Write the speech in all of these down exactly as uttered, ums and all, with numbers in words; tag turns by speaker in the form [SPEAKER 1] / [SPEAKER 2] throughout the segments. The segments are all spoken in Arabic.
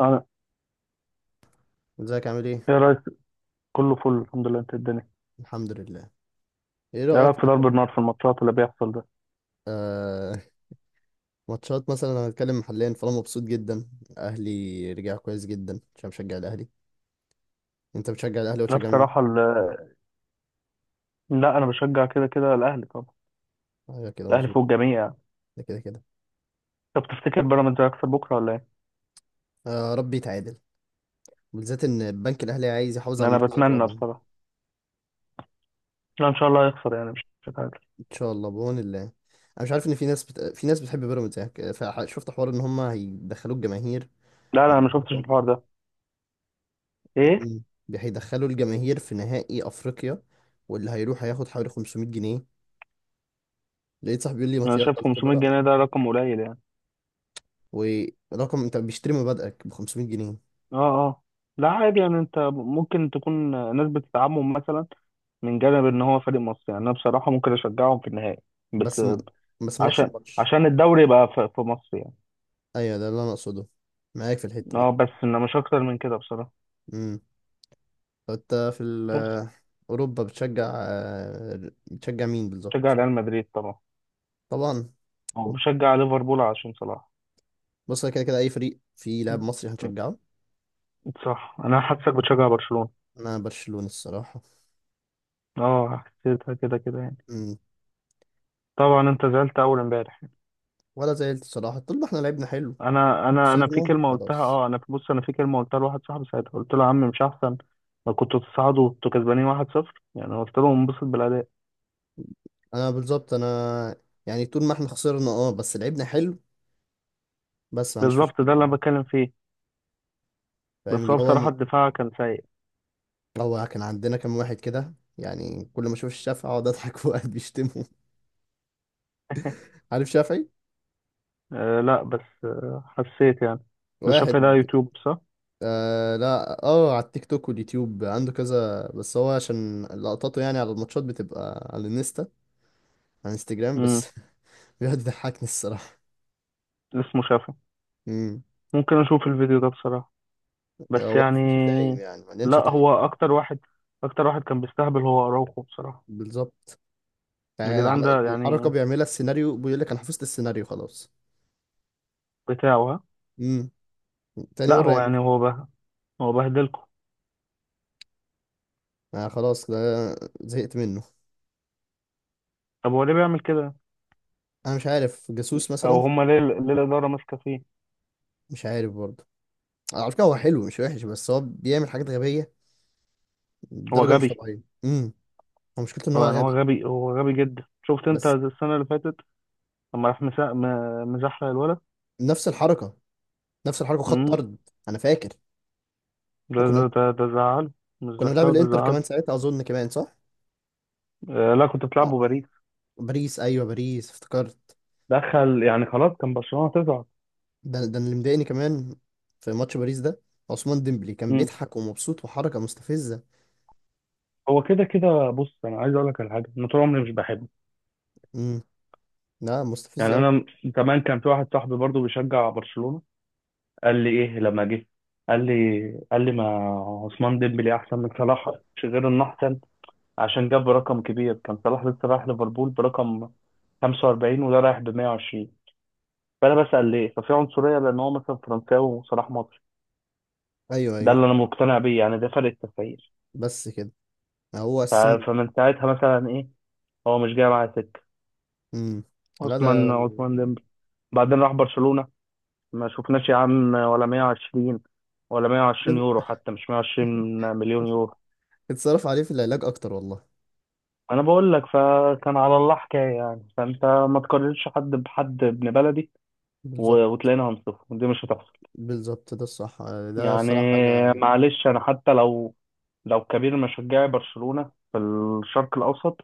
[SPEAKER 1] أنا،
[SPEAKER 2] ازيك؟ عامل
[SPEAKER 1] إيه
[SPEAKER 2] ايه؟
[SPEAKER 1] رأيك؟ كله فل، الحمد لله. أنت الدنيا.
[SPEAKER 2] الحمد لله. ايه
[SPEAKER 1] إيه
[SPEAKER 2] رأيك
[SPEAKER 1] رأيك
[SPEAKER 2] في
[SPEAKER 1] في
[SPEAKER 2] اخر
[SPEAKER 1] ضرب النار في الماتشات اللي بيحصل ده؟
[SPEAKER 2] آه ماتشات مثلا؟ انا هتكلم محليا، فانا مبسوط جدا. اهلي رجع كويس جدا عشان بشجع الاهلي. انت بتشجع الاهلي
[SPEAKER 1] لا
[SPEAKER 2] وتشجع
[SPEAKER 1] بصراحة
[SPEAKER 2] مين؟
[SPEAKER 1] ال... لا، أنا بشجع كده كده الأهلي طبعا.
[SPEAKER 2] ايوه كده
[SPEAKER 1] الأهلي
[SPEAKER 2] مظبوط.
[SPEAKER 1] فوق الجميع يعني.
[SPEAKER 2] ده كده كده.
[SPEAKER 1] طب تفتكر بيراميدز هيخسر بكرة ولا إيه؟
[SPEAKER 2] آه، ربي يتعادل، بالذات ان البنك الاهلي عايز يحافظ
[SPEAKER 1] إن
[SPEAKER 2] على
[SPEAKER 1] أنا
[SPEAKER 2] المركز
[SPEAKER 1] بتمنى
[SPEAKER 2] الرابع.
[SPEAKER 1] بصراحة. لا، إن شاء الله هيخسر، يعني مش هتعادل.
[SPEAKER 2] ان شاء الله بعون الله. انا مش عارف ان في ناس بت... في ناس بتحب بيراميدز يعني، فشفت حوار ان هم هيدخلوا الجماهير
[SPEAKER 1] لا لا، أنا ما شفتش
[SPEAKER 2] مقابل-
[SPEAKER 1] الحوار ده. إيه؟
[SPEAKER 2] مم. هيدخلوا الجماهير في نهائي افريقيا، واللي هيروح هياخد حوالي خمسمية جنيه. لقيت صاحبي بيقول لي ما
[SPEAKER 1] أنا
[SPEAKER 2] يلا،
[SPEAKER 1] شايف
[SPEAKER 2] قلت له
[SPEAKER 1] 500
[SPEAKER 2] لا.
[SPEAKER 1] جنيه ده رقم قليل يعني.
[SPEAKER 2] ورقم، انت بيشتري مبادئك ب خمسمية جنيه؟
[SPEAKER 1] أه أه. لا عادي، يعني أنت ممكن تكون ناس بتدعمهم مثلا، من جانب إن هو فريق مصري. يعني أنا بصراحة ممكن أشجعهم في النهائي بس.
[SPEAKER 2] بس م... بس ما راحش
[SPEAKER 1] عشان
[SPEAKER 2] الماتش.
[SPEAKER 1] عشان الدوري يبقى في في مصر يعني.
[SPEAKER 2] ايوه ده اللي انا اقصده، معاك في الحته دي.
[SPEAKER 1] اه بس انه مش اكتر من كده بصراحة.
[SPEAKER 2] امم. طب انت في ال...
[SPEAKER 1] بس
[SPEAKER 2] آه، اوروبا بتشجع، آه، بتشجع مين
[SPEAKER 1] بشجع
[SPEAKER 2] بالظبط؟
[SPEAKER 1] ريال مدريد طبعا،
[SPEAKER 2] طبعا.
[SPEAKER 1] او بشجع ليفربول عشان صلاح.
[SPEAKER 2] بص، أنا كده كده اي فريق فيه لاعب مصري
[SPEAKER 1] م-
[SPEAKER 2] هنشجعه.
[SPEAKER 1] صح، انا حاسسك بتشجع برشلونة.
[SPEAKER 2] انا برشلونه الصراحه.
[SPEAKER 1] اه، حسيتها كده كده يعني.
[SPEAKER 2] امم.
[SPEAKER 1] طبعا انت زعلت اول امبارح.
[SPEAKER 2] ولا زعلت الصراحه، طول ما احنا لعبنا حلو.
[SPEAKER 1] انا انا انا في
[SPEAKER 2] خسرنا
[SPEAKER 1] كلمة قلتها،
[SPEAKER 2] خلاص.
[SPEAKER 1] اه انا في بص، انا في كلمة قلتها لواحد صاحبي ساعتها، قلت له يا عم، مش احسن ما كنتوا تصعدوا وانتوا كسبانين واحد صفر، يعني قلت له انبسط بالاداء.
[SPEAKER 2] انا بالظبط انا يعني طول ما احنا خسرنا اه بس لعبنا حلو. بس ما عنديش
[SPEAKER 1] بالظبط ده
[SPEAKER 2] مشكله
[SPEAKER 1] اللي انا
[SPEAKER 2] يعني.
[SPEAKER 1] بتكلم فيه. بس
[SPEAKER 2] فاهم
[SPEAKER 1] هو
[SPEAKER 2] اللي هو.
[SPEAKER 1] بصراحة الدفاع كان سيء.
[SPEAKER 2] هو كان عندنا كام واحد كده يعني، كل ما اشوف الشافعي اقعد اضحك وقاعد بيشتمه. عارف شافعي؟
[SPEAKER 1] آه لا، بس آه حسيت يعني. ده
[SPEAKER 2] واحد.
[SPEAKER 1] شاف ده يوتيوب صح؟
[SPEAKER 2] آه، لا، اه، على التيك توك واليوتيوب عنده كذا، بس هو عشان لقطاته يعني على الماتشات بتبقى على الانستا. على انستجرام
[SPEAKER 1] امم.
[SPEAKER 2] بس. بيقعد يضحكني الصراحة.
[SPEAKER 1] اسمه شافعي.
[SPEAKER 2] امم.
[SPEAKER 1] ممكن اشوف الفيديو ده بصراحة، بس
[SPEAKER 2] هو
[SPEAKER 1] يعني.
[SPEAKER 2] في شتايم يعني، مليان
[SPEAKER 1] لا
[SPEAKER 2] شتايم.
[SPEAKER 1] هو اكتر واحد اكتر واحد كان بيستهبل، هو اراوخو بصراحة.
[SPEAKER 2] بالظبط. يعني عم-
[SPEAKER 1] الجدعان ده
[SPEAKER 2] الحركة
[SPEAKER 1] يعني،
[SPEAKER 2] بيعملها السيناريو، بيقول لك انا حفظت السيناريو خلاص.
[SPEAKER 1] بتاعه ها.
[SPEAKER 2] امم. تاني
[SPEAKER 1] لا
[SPEAKER 2] مرة
[SPEAKER 1] هو
[SPEAKER 2] يعملها.
[SPEAKER 1] يعني هو به هو بهدلكم.
[SPEAKER 2] آه خلاص ده، زهقت منه.
[SPEAKER 1] طب هو ليه بيعمل كده؟
[SPEAKER 2] انا مش عارف، جاسوس
[SPEAKER 1] او
[SPEAKER 2] مثلا.
[SPEAKER 1] هما ليه، ليه الادارة ماسكة فيه؟
[SPEAKER 2] مش عارف برضه. على فكرة هو حلو مش وحش، بس هو بيعمل حاجات غبية
[SPEAKER 1] هو
[SPEAKER 2] بدرجة مش
[SPEAKER 1] غبي.
[SPEAKER 2] طبيعية. امم. هو مشكلته ان
[SPEAKER 1] هو
[SPEAKER 2] هو
[SPEAKER 1] يعني هو
[SPEAKER 2] غبي.
[SPEAKER 1] غبي، هو غبي جدا. شفت انت
[SPEAKER 2] بس.
[SPEAKER 1] السنة اللي فاتت لما راح مسا... م- مزحلق الولد.
[SPEAKER 2] نفس الحركة. نفس الحركة، خط
[SPEAKER 1] امم.
[SPEAKER 2] طرد. انا فاكر.
[SPEAKER 1] ده ده
[SPEAKER 2] وكنا،
[SPEAKER 1] ده ده زعل. مش
[SPEAKER 2] كنا بنلعب
[SPEAKER 1] زحلق، ده
[SPEAKER 2] الانتر
[SPEAKER 1] زعل.
[SPEAKER 2] كمان ساعتها اظن، كمان صح؟
[SPEAKER 1] آه لا، كنت
[SPEAKER 2] آه،
[SPEAKER 1] بتلعبوا باريس.
[SPEAKER 2] باريس. ايوه باريس، افتكرت.
[SPEAKER 1] دخل يعني، خلاص كان برشلونة تزعل.
[SPEAKER 2] ده ده اللي مضايقني كمان في ماتش باريس ده، عثمان ديمبلي كان بيضحك ومبسوط وحركة مستفزة.
[SPEAKER 1] هو كده كده، بص انا عايز اقول لك على حاجه، انا طول عمري مش بحبه
[SPEAKER 2] امم. لا مستفزة
[SPEAKER 1] يعني.
[SPEAKER 2] قوي.
[SPEAKER 1] انا كمان كان في واحد صاحبي برضو بيشجع برشلونه، قال لي ايه لما جه. قال لي قال لي ما عثمان ديمبلي احسن من صلاح. مش غير انه احسن، عشان جاب رقم كبير. كان صلاح لسه رايح ليفربول برقم خمسة واربعين، وده رايح ب مية وعشرين. فانا بسال ليه؟ ففي عنصريه، لان هو مثلا فرنساوي وصلاح مصري.
[SPEAKER 2] ايوه
[SPEAKER 1] ده
[SPEAKER 2] ايوه.
[SPEAKER 1] اللي انا مقتنع بيه، يعني ده فرق التفكير.
[SPEAKER 2] بس كده. هو
[SPEAKER 1] ف-
[SPEAKER 2] اساسا.
[SPEAKER 1] فمن ساعتها مثلا ايه، هو مش جاي معايا سكه
[SPEAKER 2] امم. لا
[SPEAKER 1] عثمان،
[SPEAKER 2] ده
[SPEAKER 1] عثمان ديمبلي. بعدين راح برشلونة، ما شفناش يا عم ولا مائة وعشرين، ولا مية وعشرين
[SPEAKER 2] ده.
[SPEAKER 1] يورو حتى، مش مية وعشرين مليون يورو.
[SPEAKER 2] اتصرف عليه في العلاج اكتر والله.
[SPEAKER 1] انا بقول لك فكان على الله حكايه يعني، فانت ما تقارنش حد بحد ابن بلدي. و-
[SPEAKER 2] بالظبط.
[SPEAKER 1] وتلاقينا هنصفه دي مش هتحصل
[SPEAKER 2] بالظبط ده الصح. ده
[SPEAKER 1] يعني.
[SPEAKER 2] الصراحة حاجة.
[SPEAKER 1] معلش انا حتى لو لو كبير مشجعي برشلونه في الشرق الاوسط،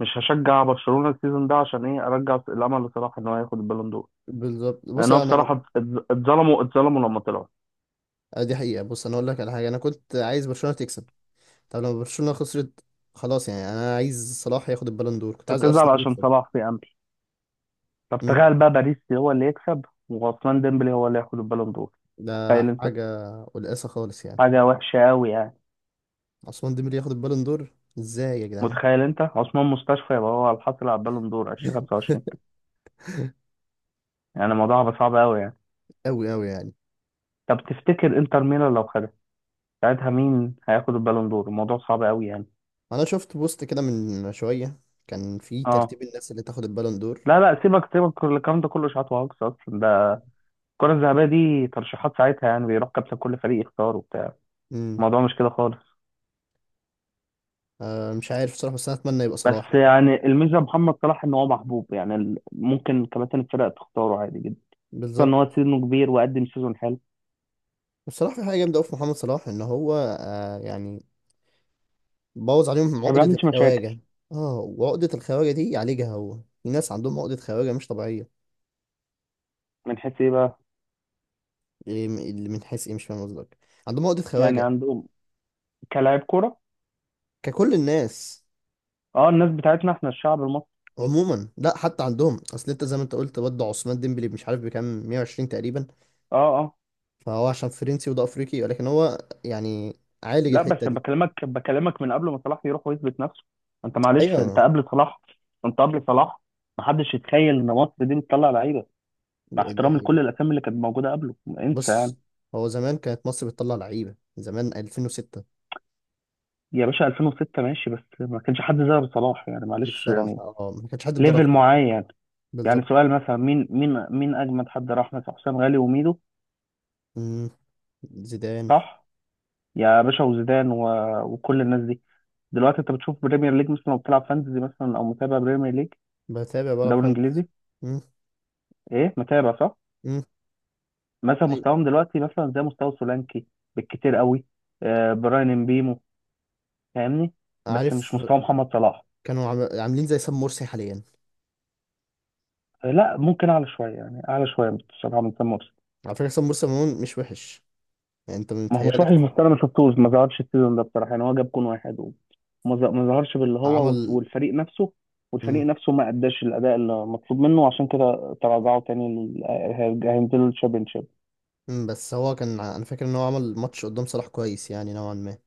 [SPEAKER 1] مش هشجع برشلونه السيزون ده عشان ايه؟ ارجع الامل لصلاح ان هو ياخد البالون دور.
[SPEAKER 2] بالظبط. بص
[SPEAKER 1] لان هو
[SPEAKER 2] أنا،
[SPEAKER 1] بصراحه اتظ- اتظلموا اتظلموا لما طلعوا.
[SPEAKER 2] دي حقيقة. بص أنا أقول لك على حاجة، أنا كنت عايز برشلونة تكسب. طب لما برشلونة خسرت خلاص، يعني أنا عايز صلاح ياخد البالون دور، كنت عايز
[SPEAKER 1] فتزعل
[SPEAKER 2] أرسنال
[SPEAKER 1] عشان
[SPEAKER 2] يكسب.
[SPEAKER 1] صلاح في امل. طب
[SPEAKER 2] امم.
[SPEAKER 1] تخيل بقى، باريس هو اللي يكسب وعثمان ديمبلي هو اللي ياخد البالون دور.
[SPEAKER 2] ده
[SPEAKER 1] تخيل انت،
[SPEAKER 2] حاجة قلقاسة خالص يعني.
[SPEAKER 1] حاجة وحشة قوي يعني.
[SPEAKER 2] عثمان ديمبلي ياخد البالون دور؟ إزاي يا جدعان؟
[SPEAKER 1] متخيل انت عثمان مستشفى يبقى هو الحاصل على البالون دور الفين وخمسة وعشرين؟ يعني الموضوع هيبقى صعب قوي يعني.
[SPEAKER 2] أوي أوي يعني.
[SPEAKER 1] طب تفتكر انتر ميلان لو خدها ساعتها، مين هياخد البالون دور؟ الموضوع صعب قوي يعني.
[SPEAKER 2] أنا شفت بوست كده من شوية، كان في
[SPEAKER 1] اه.
[SPEAKER 2] ترتيب الناس اللي تاخد البالون دور.
[SPEAKER 1] لا لا، سيبك سيبك من الكلام ده كله، اشاعات وهجص اصلا ده. الكرة الذهبية دي ترشيحات ساعتها، يعني بيروح كابتن كل فريق يختار وبتاع.
[SPEAKER 2] امم.
[SPEAKER 1] الموضوع مش كده خالص.
[SPEAKER 2] آه مش عارف بصراحة، بس أنا أتمنى يبقى صلاح
[SPEAKER 1] بس
[SPEAKER 2] يعني.
[SPEAKER 1] يعني الميزه محمد صلاح ان هو محبوب، يعني ال- ممكن كباتن الفرق تختاره عادي. خصوصا ان
[SPEAKER 2] بالظبط.
[SPEAKER 1] هو سنه كبير وقدم سيزون حلو.
[SPEAKER 2] بصراحة في حاجة جامدة أوي في محمد صلاح، إن هو، آه يعني، بوظ عليهم
[SPEAKER 1] ما
[SPEAKER 2] عقدة
[SPEAKER 1] بيعملش مشاكل.
[SPEAKER 2] الخواجة. اه، وعقدة الخواجة دي يعالجها هو. في ناس عندهم عقدة خواجة مش طبيعية.
[SPEAKER 1] من حيث ايه بقى؟
[SPEAKER 2] إيه م- اللي من حيث إيه؟ مش فاهم قصدك. عندهم عقدة
[SPEAKER 1] يعني
[SPEAKER 2] خواجة
[SPEAKER 1] عندهم كلاعب كوره،
[SPEAKER 2] ككل الناس.
[SPEAKER 1] اه الناس بتاعتنا احنا الشعب المصري.
[SPEAKER 2] عموما لا، حتى عندهم أصل. أنت زي ما أنت قلت برضه، عثمان ديمبلي مش عارف بكام، مية وعشرين تقريبا.
[SPEAKER 1] اه اه.
[SPEAKER 2] فهو عشان فرنسي وده أفريقي، ولكن هو يعني عالج
[SPEAKER 1] لا بس
[SPEAKER 2] الحتة دي.
[SPEAKER 1] بكلمك بكلمك، من قبل ما صلاح يروح ويثبت نفسه. انت معلش، انت
[SPEAKER 2] أيوه.
[SPEAKER 1] قبل صلاح، انت قبل صلاح، ما حدش يتخيل ان مصر دي بتطلع لعيبه، مع
[SPEAKER 2] دي
[SPEAKER 1] احترام
[SPEAKER 2] حاجة.
[SPEAKER 1] لكل الاسامي اللي كانت موجوده قبله. انسى يعني.
[SPEAKER 2] بص، هو زمان كانت مصر بتطلع لعيبة زمان ألفين وستة.
[SPEAKER 1] يا باشا الفين وستة ماشي، بس ما كانش حد زي أبو صلاح يعني،
[SPEAKER 2] دي
[SPEAKER 1] معلش يعني،
[SPEAKER 2] الصراحة اه، ما كانش حد
[SPEAKER 1] ليفل
[SPEAKER 2] بدرجته.
[SPEAKER 1] معين يعني. يعني
[SPEAKER 2] بالظبط.
[SPEAKER 1] سؤال مثلا، مين مين مين اجمد حد راح مثلا؟ حسام غالي وميدو.
[SPEAKER 2] مم. زيدان.
[SPEAKER 1] صح. يا باشا وزيدان و... وكل الناس دي. دلوقتي انت بتشوف بريمير ليج مثلا، لو بتلعب فانتزي مثلا او متابع بريمير ليج،
[SPEAKER 2] بتابع بقى
[SPEAKER 1] دوري
[SPEAKER 2] فرنسا.
[SPEAKER 1] انجليزي،
[SPEAKER 2] مم.
[SPEAKER 1] ايه متابع صح؟
[SPEAKER 2] مم.
[SPEAKER 1] مثلا
[SPEAKER 2] أيوة.
[SPEAKER 1] مستواهم دلوقتي مثلا زي مستوى سولانكي بالكتير قوي، آه براين امبيمو. فاهمني؟ بس
[SPEAKER 2] عارف.
[SPEAKER 1] مش مستوى محمد صلاح.
[SPEAKER 2] كانوا عم- عاملين زي سام مرسي حاليا.
[SPEAKER 1] آه لا، ممكن اعلى شويه، يعني اعلى شويه بصراحه من سام مرسي.
[SPEAKER 2] على فكرة سام مرسي عموما مش وحش، يعني انت
[SPEAKER 1] ما هو مش
[SPEAKER 2] متهيألك.
[SPEAKER 1] وحي المختار، انا ما شفتوش. ما ظهرش السيزون ده بصراحه يعني، هو جاب جون واحد و- وما ظ- ما ظهرش باللي هو وت-
[SPEAKER 2] عمل.
[SPEAKER 1] والفريق نفسه،
[SPEAKER 2] مم.
[SPEAKER 1] والفريق نفسه ما اداش الاداء اللي مطلوب منه. عشان كده تراجعوا تاني لل- هي- هينزلوا الشامبيونشيب.
[SPEAKER 2] مم. بس هو كان ع- انا فاكر ان هو عمل ماتش قدام صلاح كويس يعني نوعا ما.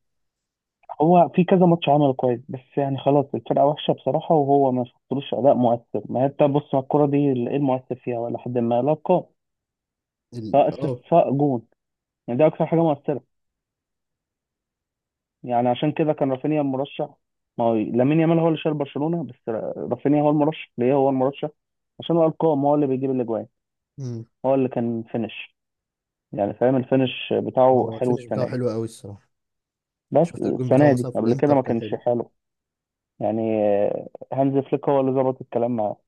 [SPEAKER 1] هو في كذا ماتش عمله كويس، بس يعني خلاص الفرقه وحشه بصراحه، وهو ما شفتلوش اداء مؤثر. ما هي انت بص على الكوره دي، ايه المؤثر فيها ولا حد؟ ما لا القاء،
[SPEAKER 2] ال...
[SPEAKER 1] سواء اسيست
[SPEAKER 2] اه.
[SPEAKER 1] سواء جون، يعني دي اكتر حاجه مؤثره. يعني عشان كده كان رافينيا المرشح. ما هو لامين يامال هو اللي شايل برشلونة، بس را- رافينيا هو المرشح. ليه هو المرشح؟ عشان هو الارقام، هو اللي بيجيب الاجوان،
[SPEAKER 2] مم.
[SPEAKER 1] هو اللي كان فينش. يعني فاهم؟ الفينش بتاعه
[SPEAKER 2] هو
[SPEAKER 1] حلو
[SPEAKER 2] الفينش بتاعه
[SPEAKER 1] السنة دي،
[SPEAKER 2] حلو قوي الصراحة.
[SPEAKER 1] بس
[SPEAKER 2] شفت الجون بتاعه
[SPEAKER 1] السنة دي
[SPEAKER 2] مثلا في
[SPEAKER 1] قبل كده
[SPEAKER 2] الانتر،
[SPEAKER 1] ما
[SPEAKER 2] كان حلو.
[SPEAKER 1] كانش حلو يعني. آه، هانز فليك هو اللي ظبط الكلام معاه.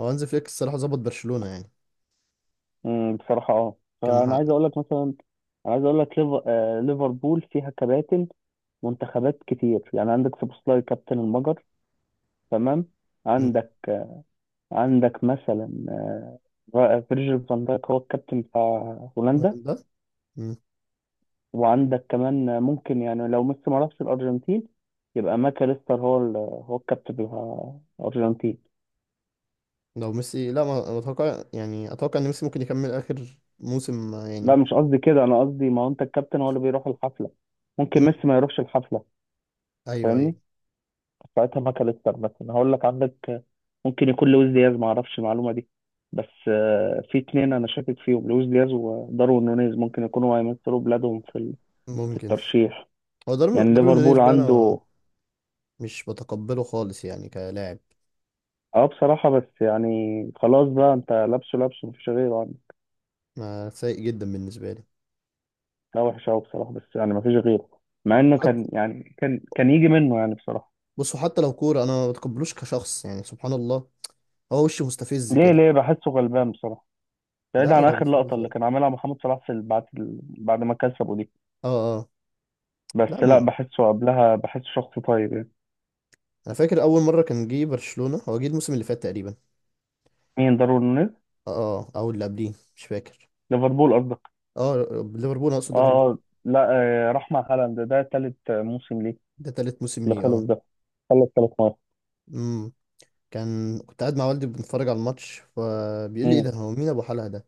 [SPEAKER 2] هو هانز فليك الصراحة ظبط برشلونة يعني.
[SPEAKER 1] أمم، بصراحة اه
[SPEAKER 2] كان
[SPEAKER 1] فأنا
[SPEAKER 2] محقق.
[SPEAKER 1] عايز أقول لك مثلا. أنا عايز أقول لك ليف- آه، ليفربول فيها كباتن منتخبات كتير، يعني عندك سوبوسلاي كابتن المجر، تمام. عندك، عندك مثلا آه، فيرجيل فان دايك هو الكابتن بتاع هولندا.
[SPEAKER 2] ده
[SPEAKER 1] وعندك كمان آه، ممكن يعني لو ميسي ما راحش الأرجنتين، يبقى ماكاليستر هو ال- هو الكابتن بتاع الأرجنتين.
[SPEAKER 2] لو ميسي، لا، ما ما اتوقع يعني، اتوقع ان ميسي ممكن يكمل اخر موسم، آه،
[SPEAKER 1] لا
[SPEAKER 2] يعني.
[SPEAKER 1] مش قصدي كده، أنا قصدي ما هو أنت الكابتن هو اللي بيروح الحفلة. ممكن
[SPEAKER 2] مم.
[SPEAKER 1] ميسي ما يروحش الحفلة.
[SPEAKER 2] ايوه ايوه.
[SPEAKER 1] فاهمني؟ ساعتها ماكاليستر مثلا. هقول لك عندك آه، ممكن يكون لويس دياز، ما أعرفش المعلومة دي بس. آه، في اتنين أنا شاكك فيهم، لويس دياز وداروين نونيز، ممكن يكونوا هيمثلوا بلادهم في ال- في
[SPEAKER 2] ممكن.
[SPEAKER 1] الترشيح.
[SPEAKER 2] هو داروين
[SPEAKER 1] يعني
[SPEAKER 2] داروين نونيز
[SPEAKER 1] ليفربول
[SPEAKER 2] ده انا
[SPEAKER 1] عنده.
[SPEAKER 2] مش بتقبله خالص يعني كلاعب.
[SPEAKER 1] اه بصراحة، بس يعني خلاص بقى انت لابسه لابسه، مفيش غيره يعني.
[SPEAKER 2] ما سيء جدا بالنسبه لي.
[SPEAKER 1] لا وحش قوي بصراحة، بس يعني مفيش غيره. مع انه
[SPEAKER 2] حتى
[SPEAKER 1] كان يعني، كان كان يجي منه يعني بصراحة.
[SPEAKER 2] بصوا، حتى لو كوره انا ما بتقبلوش كشخص، يعني سبحان الله، هو وشه مستفز
[SPEAKER 1] ليه
[SPEAKER 2] كده.
[SPEAKER 1] ليه بحسه غلبان بصراحة، بعيد
[SPEAKER 2] لا
[SPEAKER 1] عن
[SPEAKER 2] لا،
[SPEAKER 1] اخر لقطة
[SPEAKER 2] مستفز
[SPEAKER 1] اللي
[SPEAKER 2] أوي.
[SPEAKER 1] كان عاملها محمد صلاح في ال- بعد ال... بعد ما كسبه دي.
[SPEAKER 2] اه. اه. لا
[SPEAKER 1] بس لا
[SPEAKER 2] م-
[SPEAKER 1] بحسه قبلها، بحسه شخص طيب يعني.
[SPEAKER 2] انا فاكر اول مره كان جه برشلونه، هو جه الموسم اللي فات تقريبا.
[SPEAKER 1] مين داروين نونيز؟
[SPEAKER 2] اه. آه، او اللي قبليه مش فاكر.
[SPEAKER 1] ليفربول قصدك.
[SPEAKER 2] اه، ليفربول، أنا اقصد
[SPEAKER 1] اه.
[SPEAKER 2] ليفربول.
[SPEAKER 1] آه. لا. آه، راح مع هالاند. ده تالت موسم ليه،
[SPEAKER 2] ده تالت موسم
[SPEAKER 1] اللي
[SPEAKER 2] ليه.
[SPEAKER 1] خلص
[SPEAKER 2] اه.
[SPEAKER 1] ده. خلص ثلاث مرات.
[SPEAKER 2] امم. كان كنت قاعد مع والدي بنتفرج على الماتش، فبيقول لي ايه
[SPEAKER 1] مم.
[SPEAKER 2] ده، هو مين ابو حلقه ده؟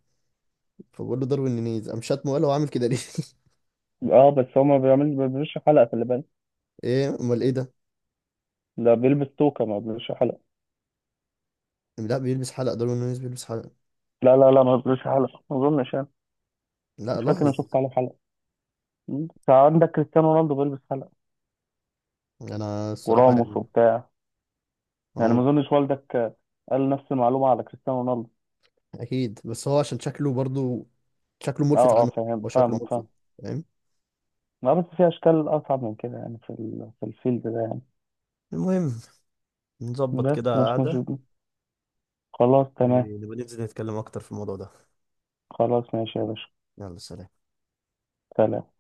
[SPEAKER 2] فبقول له داروين نونيز، قام شاتمه وقال هو عامل كده ليه.
[SPEAKER 1] اه بس هو ما بيعملش، ما بيعملش حلقة في اللي بالك.
[SPEAKER 2] ايه امال ايه ده؟
[SPEAKER 1] ده بيلبس توكة، ما بيلبسش حلقة.
[SPEAKER 2] لا بيلبس حلقه، داروين نونيز بيلبس حلقه.
[SPEAKER 1] لا لا لا، ما بيلبسش حلقة ما أظنش يعني.
[SPEAKER 2] لا
[SPEAKER 1] مش فاكر إني
[SPEAKER 2] لاحظ.
[SPEAKER 1] شفت عليه حلقة. مم. فعندك كريستيانو رونالدو بيلبس حلقة
[SPEAKER 2] انا الصراحه
[SPEAKER 1] وراموس
[SPEAKER 2] يعني.
[SPEAKER 1] وبتاع. يعني ما
[SPEAKER 2] هو
[SPEAKER 1] أظنش والدك آه، قال نفس المعلومة على كريستيانو رونالدو.
[SPEAKER 2] اكيد بس هو عشان شكله برضو، شكله
[SPEAKER 1] أه
[SPEAKER 2] ملفت
[SPEAKER 1] أه،
[SPEAKER 2] عنه.
[SPEAKER 1] فاهم،
[SPEAKER 2] هو شكله
[SPEAKER 1] فاهمك،
[SPEAKER 2] ملفت.
[SPEAKER 1] فاهم.
[SPEAKER 2] فاهم.
[SPEAKER 1] لا بس في أشكال أصعب من كده يعني، في ال- في الفيلد ده يعني.
[SPEAKER 2] المهم، نظبط
[SPEAKER 1] بس
[SPEAKER 2] كده
[SPEAKER 1] مش مش
[SPEAKER 2] قعده،
[SPEAKER 1] خلاص تمام.
[SPEAKER 2] ونبقى ننزل نتكلم اكتر في الموضوع ده.
[SPEAKER 1] خلاص ماشي يا باشا.
[SPEAKER 2] يلا سلام.
[SPEAKER 1] سلام.